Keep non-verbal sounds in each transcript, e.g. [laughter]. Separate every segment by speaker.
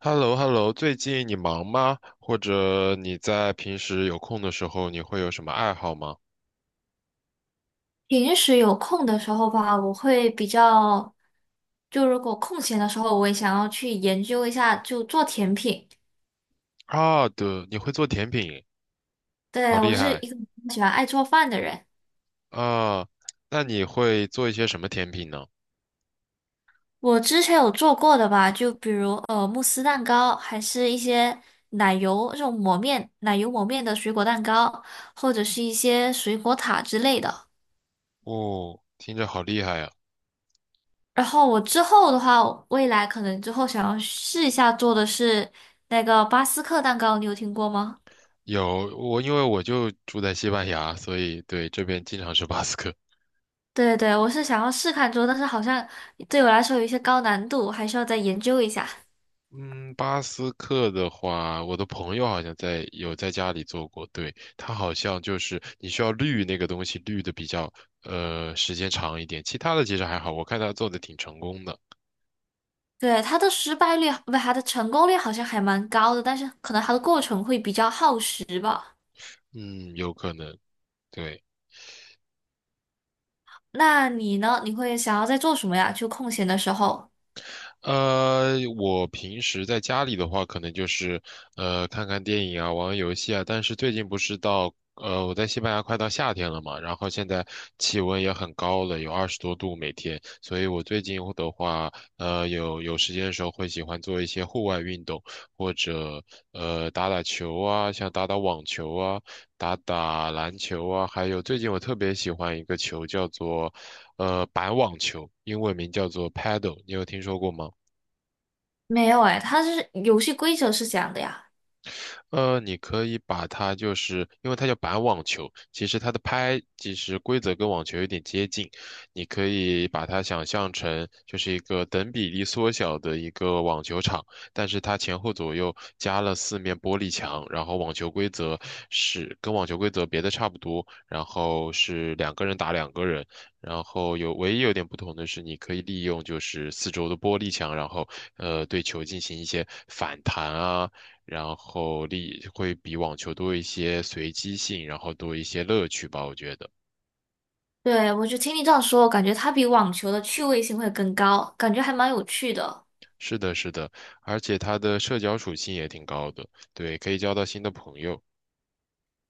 Speaker 1: h e l l o h e l l o 最近你忙吗？或者你在平时有空的时候，你会有什么爱好吗？
Speaker 2: 平时有空的时候吧，我会比较，就如果空闲的时候，我也想要去研究一下，就做甜品。
Speaker 1: 啊，对，你会做甜品，好
Speaker 2: 对，我
Speaker 1: 厉
Speaker 2: 是
Speaker 1: 害
Speaker 2: 一个喜欢爱做饭的人，
Speaker 1: 啊！那你会做一些什么甜品呢？
Speaker 2: 我之前有做过的吧，就比如慕斯蛋糕，还是一些奶油这种抹面、奶油抹面的水果蛋糕，或者是一些水果塔之类的。
Speaker 1: 哦，听着好厉害呀！
Speaker 2: 然后我之后的话，未来可能之后想要试一下做的是那个巴斯克蛋糕，你有听过吗？
Speaker 1: 有我，因为我就住在西班牙，所以对这边经常吃巴斯克。
Speaker 2: 对对，我是想要试看做，但是好像对我来说有一些高难度，还需要再研究一下。
Speaker 1: 嗯，巴斯克的话，我的朋友好像在有在家里做过，对，他好像就是你需要滤那个东西，滤的比较时间长一点，其他的其实还好，我看他做的挺成功的，
Speaker 2: 对，它的失败率，不，它的成功率好像还蛮高的，但是可能它的过程会比较耗时吧。
Speaker 1: 嗯，有可能，对。
Speaker 2: 那你呢？你会想要在做什么呀？就空闲的时候？
Speaker 1: 我平时在家里的话，可能就是看看电影啊，玩玩游戏啊。但是最近不是到我在西班牙快到夏天了嘛，然后现在气温也很高了，有20多度每天，所以我最近的话，有时间的时候会喜欢做一些户外运动，或者打打球啊，像打打网球啊，打打篮球啊，还有最近我特别喜欢一个球叫做板网球，英文名叫做 paddle，你有听说过吗？
Speaker 2: 没有哎，它是游戏规则是这样的呀。
Speaker 1: 你可以把它就是，因为它叫板网球，其实它的拍其实规则跟网球有点接近，你可以把它想象成就是一个等比例缩小的一个网球场，但是它前后左右加了4面玻璃墙，然后网球规则是跟网球规则别的差不多，然后是两个人打两个人，然后有唯一有点不同的是，你可以利用就是四周的玻璃墙，然后对球进行一些反弹啊。然后力会比网球多一些随机性，然后多一些乐趣吧，我觉得。
Speaker 2: 对，我就听你这样说，我感觉它比网球的趣味性会更高，感觉还蛮有趣的。
Speaker 1: 是的，是的，而且它的社交属性也挺高的，对，可以交到新的朋友。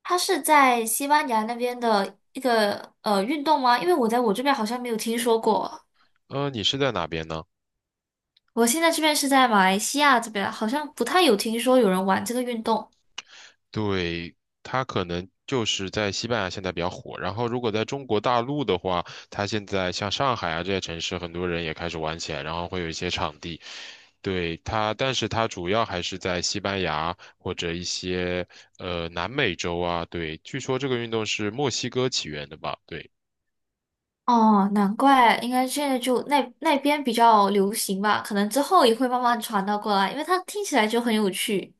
Speaker 2: 它是在西班牙那边的一个运动吗？因为我在我这边好像没有听说过。
Speaker 1: 你是在哪边呢？
Speaker 2: 我现在这边是在马来西亚这边，好像不太有听说有人玩这个运动。
Speaker 1: 对，它可能就是在西班牙现在比较火，然后如果在中国大陆的话，它现在像上海啊这些城市，很多人也开始玩起来，然后会有一些场地。对它，但是它主要还是在西班牙或者一些南美洲啊。对，据说这个运动是墨西哥起源的吧？对。
Speaker 2: 哦，难怪，应该现在就那边比较流行吧，可能之后也会慢慢传到过来，因为它听起来就很有趣。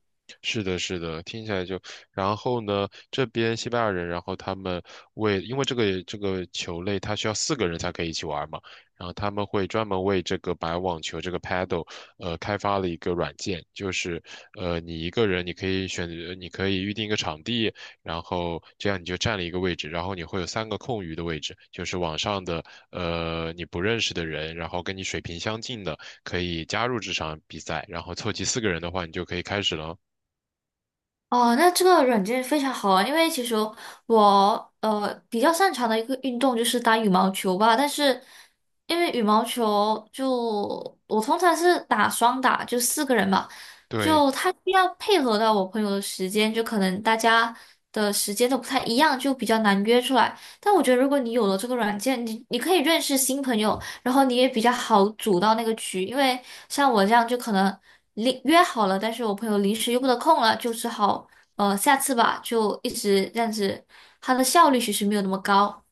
Speaker 1: 是的，是的，听起来就，然后呢，这边西班牙人，然后他们因为这个球类，它需要四个人才可以一起玩嘛，然后他们会专门为这个白网球这个 paddle，开发了一个软件，就是，你一个人你可以选择，你可以预定一个场地，然后这样你就占了一个位置，然后你会有3个空余的位置，就是网上的，你不认识的人，然后跟你水平相近的可以加入这场比赛，然后凑齐四个人的话，你就可以开始了。
Speaker 2: 哦，那这个软件非常好啊，因为其实我比较擅长的一个运动就是打羽毛球吧，但是因为羽毛球就我通常是打双打，就四个人嘛，
Speaker 1: 对，
Speaker 2: 就他需要配合到我朋友的时间，就可能大家的时间都不太一样，就比较难约出来。但我觉得如果你有了这个软件，你可以认识新朋友，然后你也比较好组到那个局，因为像我这样就可能临约好了，但是我朋友临时又不得空了，就只好下次吧，就一直这样子，它的效率其实没有那么高。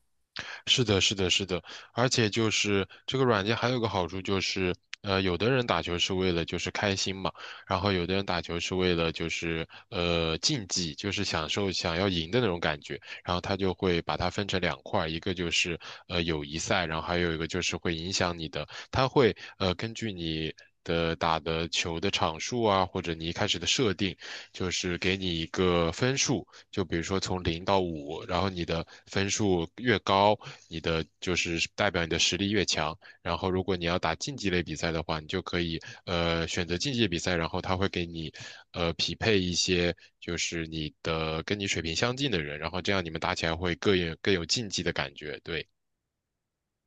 Speaker 1: 是的，是的，是的，而且就是这个软件还有个好处就是，有的人打球是为了就是开心嘛，然后有的人打球是为了就是竞技，就是享受想要赢的那种感觉，然后他就会把它分成两块儿一个就是友谊赛，然后还有一个就是会影响你的，它会根据你的打的球的场数啊，或者你一开始的设定，就是给你一个分数，就比如说从0到5，然后你的分数越高，你的就是代表你的实力越强。然后如果你要打竞技类比赛的话，你就可以选择竞技比赛，然后他会给你匹配一些就是你的跟你水平相近的人，然后这样你们打起来会更有竞技的感觉，对。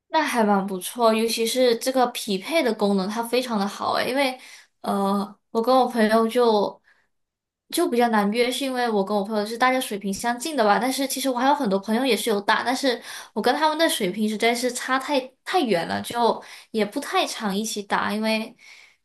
Speaker 2: 那还蛮不错，尤其是这个匹配的功能，它非常的好诶，因为我跟我朋友就比较难约，是因为我跟我朋友是大家水平相近的吧，但是其实我还有很多朋友也是有打，但是我跟他们的水平实在是差太远了，就也不太常一起打，因为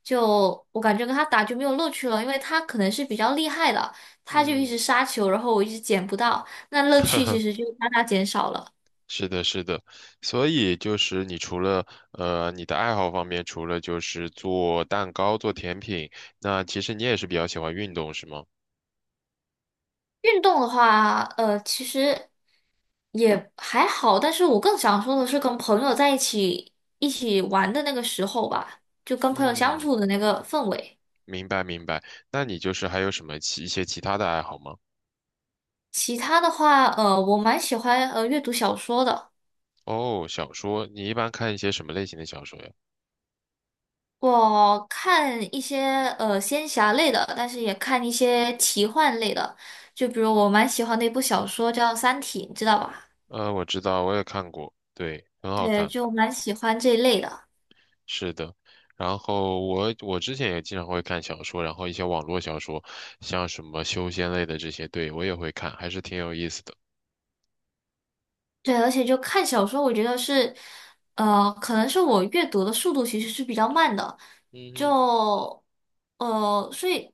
Speaker 2: 就我感觉跟他打就没有乐趣了，因为他可能是比较厉害的，他就一
Speaker 1: 嗯，
Speaker 2: 直杀球，然后我一直捡不到，那乐趣其实
Speaker 1: [laughs]
Speaker 2: 就大大减少了。
Speaker 1: 是的，是的，所以就是你除了你的爱好方面，除了就是做蛋糕、做甜品，那其实你也是比较喜欢运动，是吗？
Speaker 2: 运动的话，其实也还好，但是我更想说的是跟朋友在一起玩的那个时候吧，就跟朋友相
Speaker 1: 嗯，
Speaker 2: 处的那个氛围。
Speaker 1: 明白明白。那你就是还有什么其一些其他的爱好吗？
Speaker 2: 其他的话，我蛮喜欢阅读小说的，
Speaker 1: 哦，小说，你一般看一些什么类型的小说呀？
Speaker 2: 我看一些仙侠类的，但是也看一些奇幻类的，就比如我蛮喜欢的一部小说叫《三体》，你知道吧？
Speaker 1: 我知道，我也看过，对，很好
Speaker 2: 对，
Speaker 1: 看，
Speaker 2: 就蛮喜欢这一类的。
Speaker 1: 是的。然后我之前也经常会看小说，然后一些网络小说，像什么修仙类的这些，对，我也会看，还是挺有意思的。
Speaker 2: 对，而且就看小说，我觉得是，可能是我阅读的速度其实是比较慢的，
Speaker 1: 嗯哼。
Speaker 2: 就，所以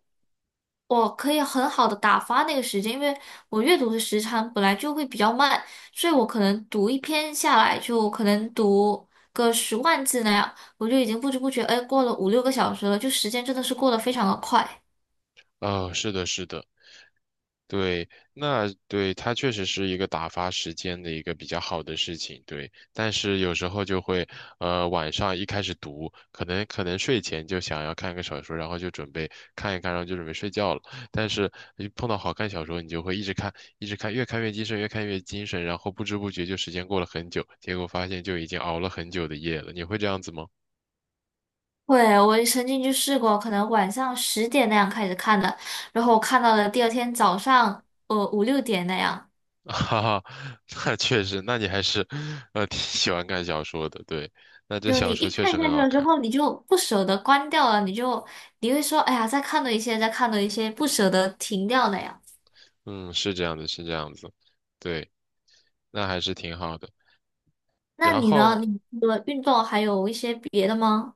Speaker 2: 我可以很好的打发那个时间，因为我阅读的时长本来就会比较慢，所以我可能读一篇下来，就可能读个10万字那样，我就已经不知不觉，哎，过了五六个小时了，就时间真的是过得非常的快。
Speaker 1: 啊、是的，是的。对，那对它确实是一个打发时间的一个比较好的事情，对。但是有时候就会，晚上一开始读，可能睡前就想要看个小说，然后就准备看一看，然后就准备睡觉了。但是一碰到好看小说，你就会一直看，一直看，越看越精神，越看越精神，然后不知不觉就时间过了很久，结果发现就已经熬了很久的夜了。你会这样子吗？
Speaker 2: 会，我曾经就试过，可能晚上10点那样开始看的，然后我看到了第二天早上，五六点那样。
Speaker 1: [laughs] 哈哈，那确实，那你还是，挺喜欢看小说的，对。那这
Speaker 2: 就你
Speaker 1: 小说
Speaker 2: 一
Speaker 1: 确
Speaker 2: 看
Speaker 1: 实
Speaker 2: 下
Speaker 1: 很
Speaker 2: 去
Speaker 1: 好
Speaker 2: 了之
Speaker 1: 看。
Speaker 2: 后，你就不舍得关掉了，你会说，哎呀，再看多一些，再看多一些，不舍得停掉那样。
Speaker 1: 嗯，是这样的，是这样子，对，那还是挺好的。
Speaker 2: 那
Speaker 1: 然
Speaker 2: 你呢？
Speaker 1: 后，
Speaker 2: 你除了运动还有一些别的吗？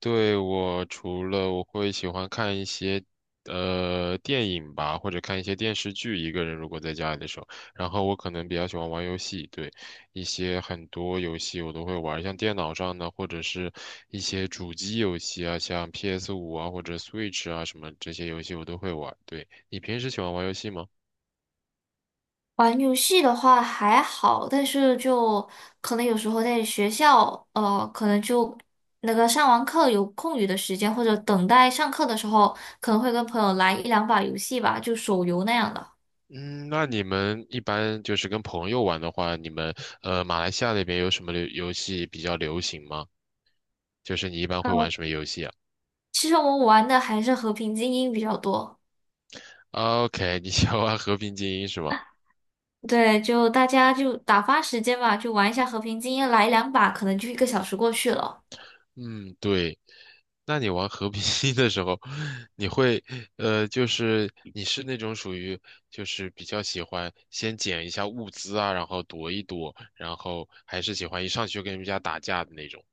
Speaker 1: 对，我除了我会喜欢看一些电影吧，或者看一些电视剧，一个人如果在家里的时候，然后我可能比较喜欢玩游戏，对，一些很多游戏我都会玩，像电脑上的或者是一些主机游戏啊，像 PS5啊或者 Switch 啊什么这些游戏我都会玩。对，你平时喜欢玩游戏吗？
Speaker 2: 玩游戏的话还好，但是就可能有时候在学校，可能就那个上完课有空余的时间，或者等待上课的时候，可能会跟朋友来一两把游戏吧，就手游那样的。
Speaker 1: 嗯，那你们一般就是跟朋友玩的话，你们马来西亚那边有什么流游戏比较流行吗？就是你一般会玩
Speaker 2: 嗯，
Speaker 1: 什么游戏啊
Speaker 2: 其实我们玩的还是和平精英比较多。
Speaker 1: ？OK，你喜欢玩和平精英是吗？
Speaker 2: 对，就大家就打发时间吧，就玩一下和平精英，来两把，可能就一个小时过去了。
Speaker 1: 嗯，对。那你玩和平精英的时候，你会就是你是那种属于就是比较喜欢先捡一下物资啊，然后躲一躲，然后还是喜欢一上去就跟人家打架的那种？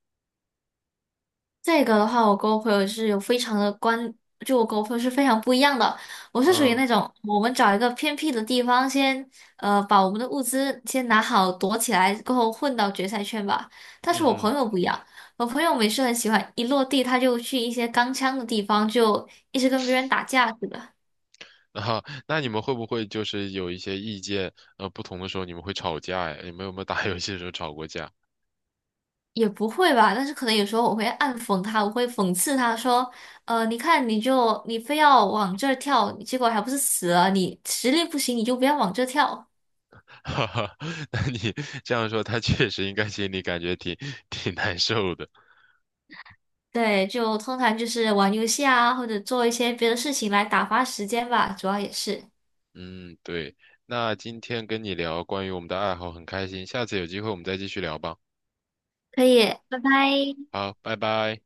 Speaker 2: 这个的话，我跟我朋友是有非常的关，就我跟我朋友是非常不一样的。我是属于
Speaker 1: 嗯。
Speaker 2: 那种，我们找一个偏僻的地方先，把我们的物资先拿好，躲起来，过后混到决赛圈吧。但是
Speaker 1: 嗯
Speaker 2: 我朋
Speaker 1: 哼。
Speaker 2: 友不一样，我朋友每次很喜欢一落地他就去一些钢枪的地方，就一直跟别人打架似的。
Speaker 1: 啊，那你们会不会就是有一些意见不同的时候，你们会吵架呀？你们有没有打游戏的时候吵过架？
Speaker 2: 也不会吧，但是可能有时候我会暗讽他，我会讽刺他说，你看你就你非要往这儿跳，结果还不是死了？你实力不行，你就不要往这儿跳。
Speaker 1: [laughs] 哈哈，那你这样说，他确实应该心里感觉挺难受的。
Speaker 2: 对，就通常就是玩游戏啊，或者做一些别的事情来打发时间吧，主要也是。
Speaker 1: 嗯，对。那今天跟你聊关于我们的爱好很开心，下次有机会我们再继续聊吧。
Speaker 2: 可以，拜拜。
Speaker 1: 好，拜拜。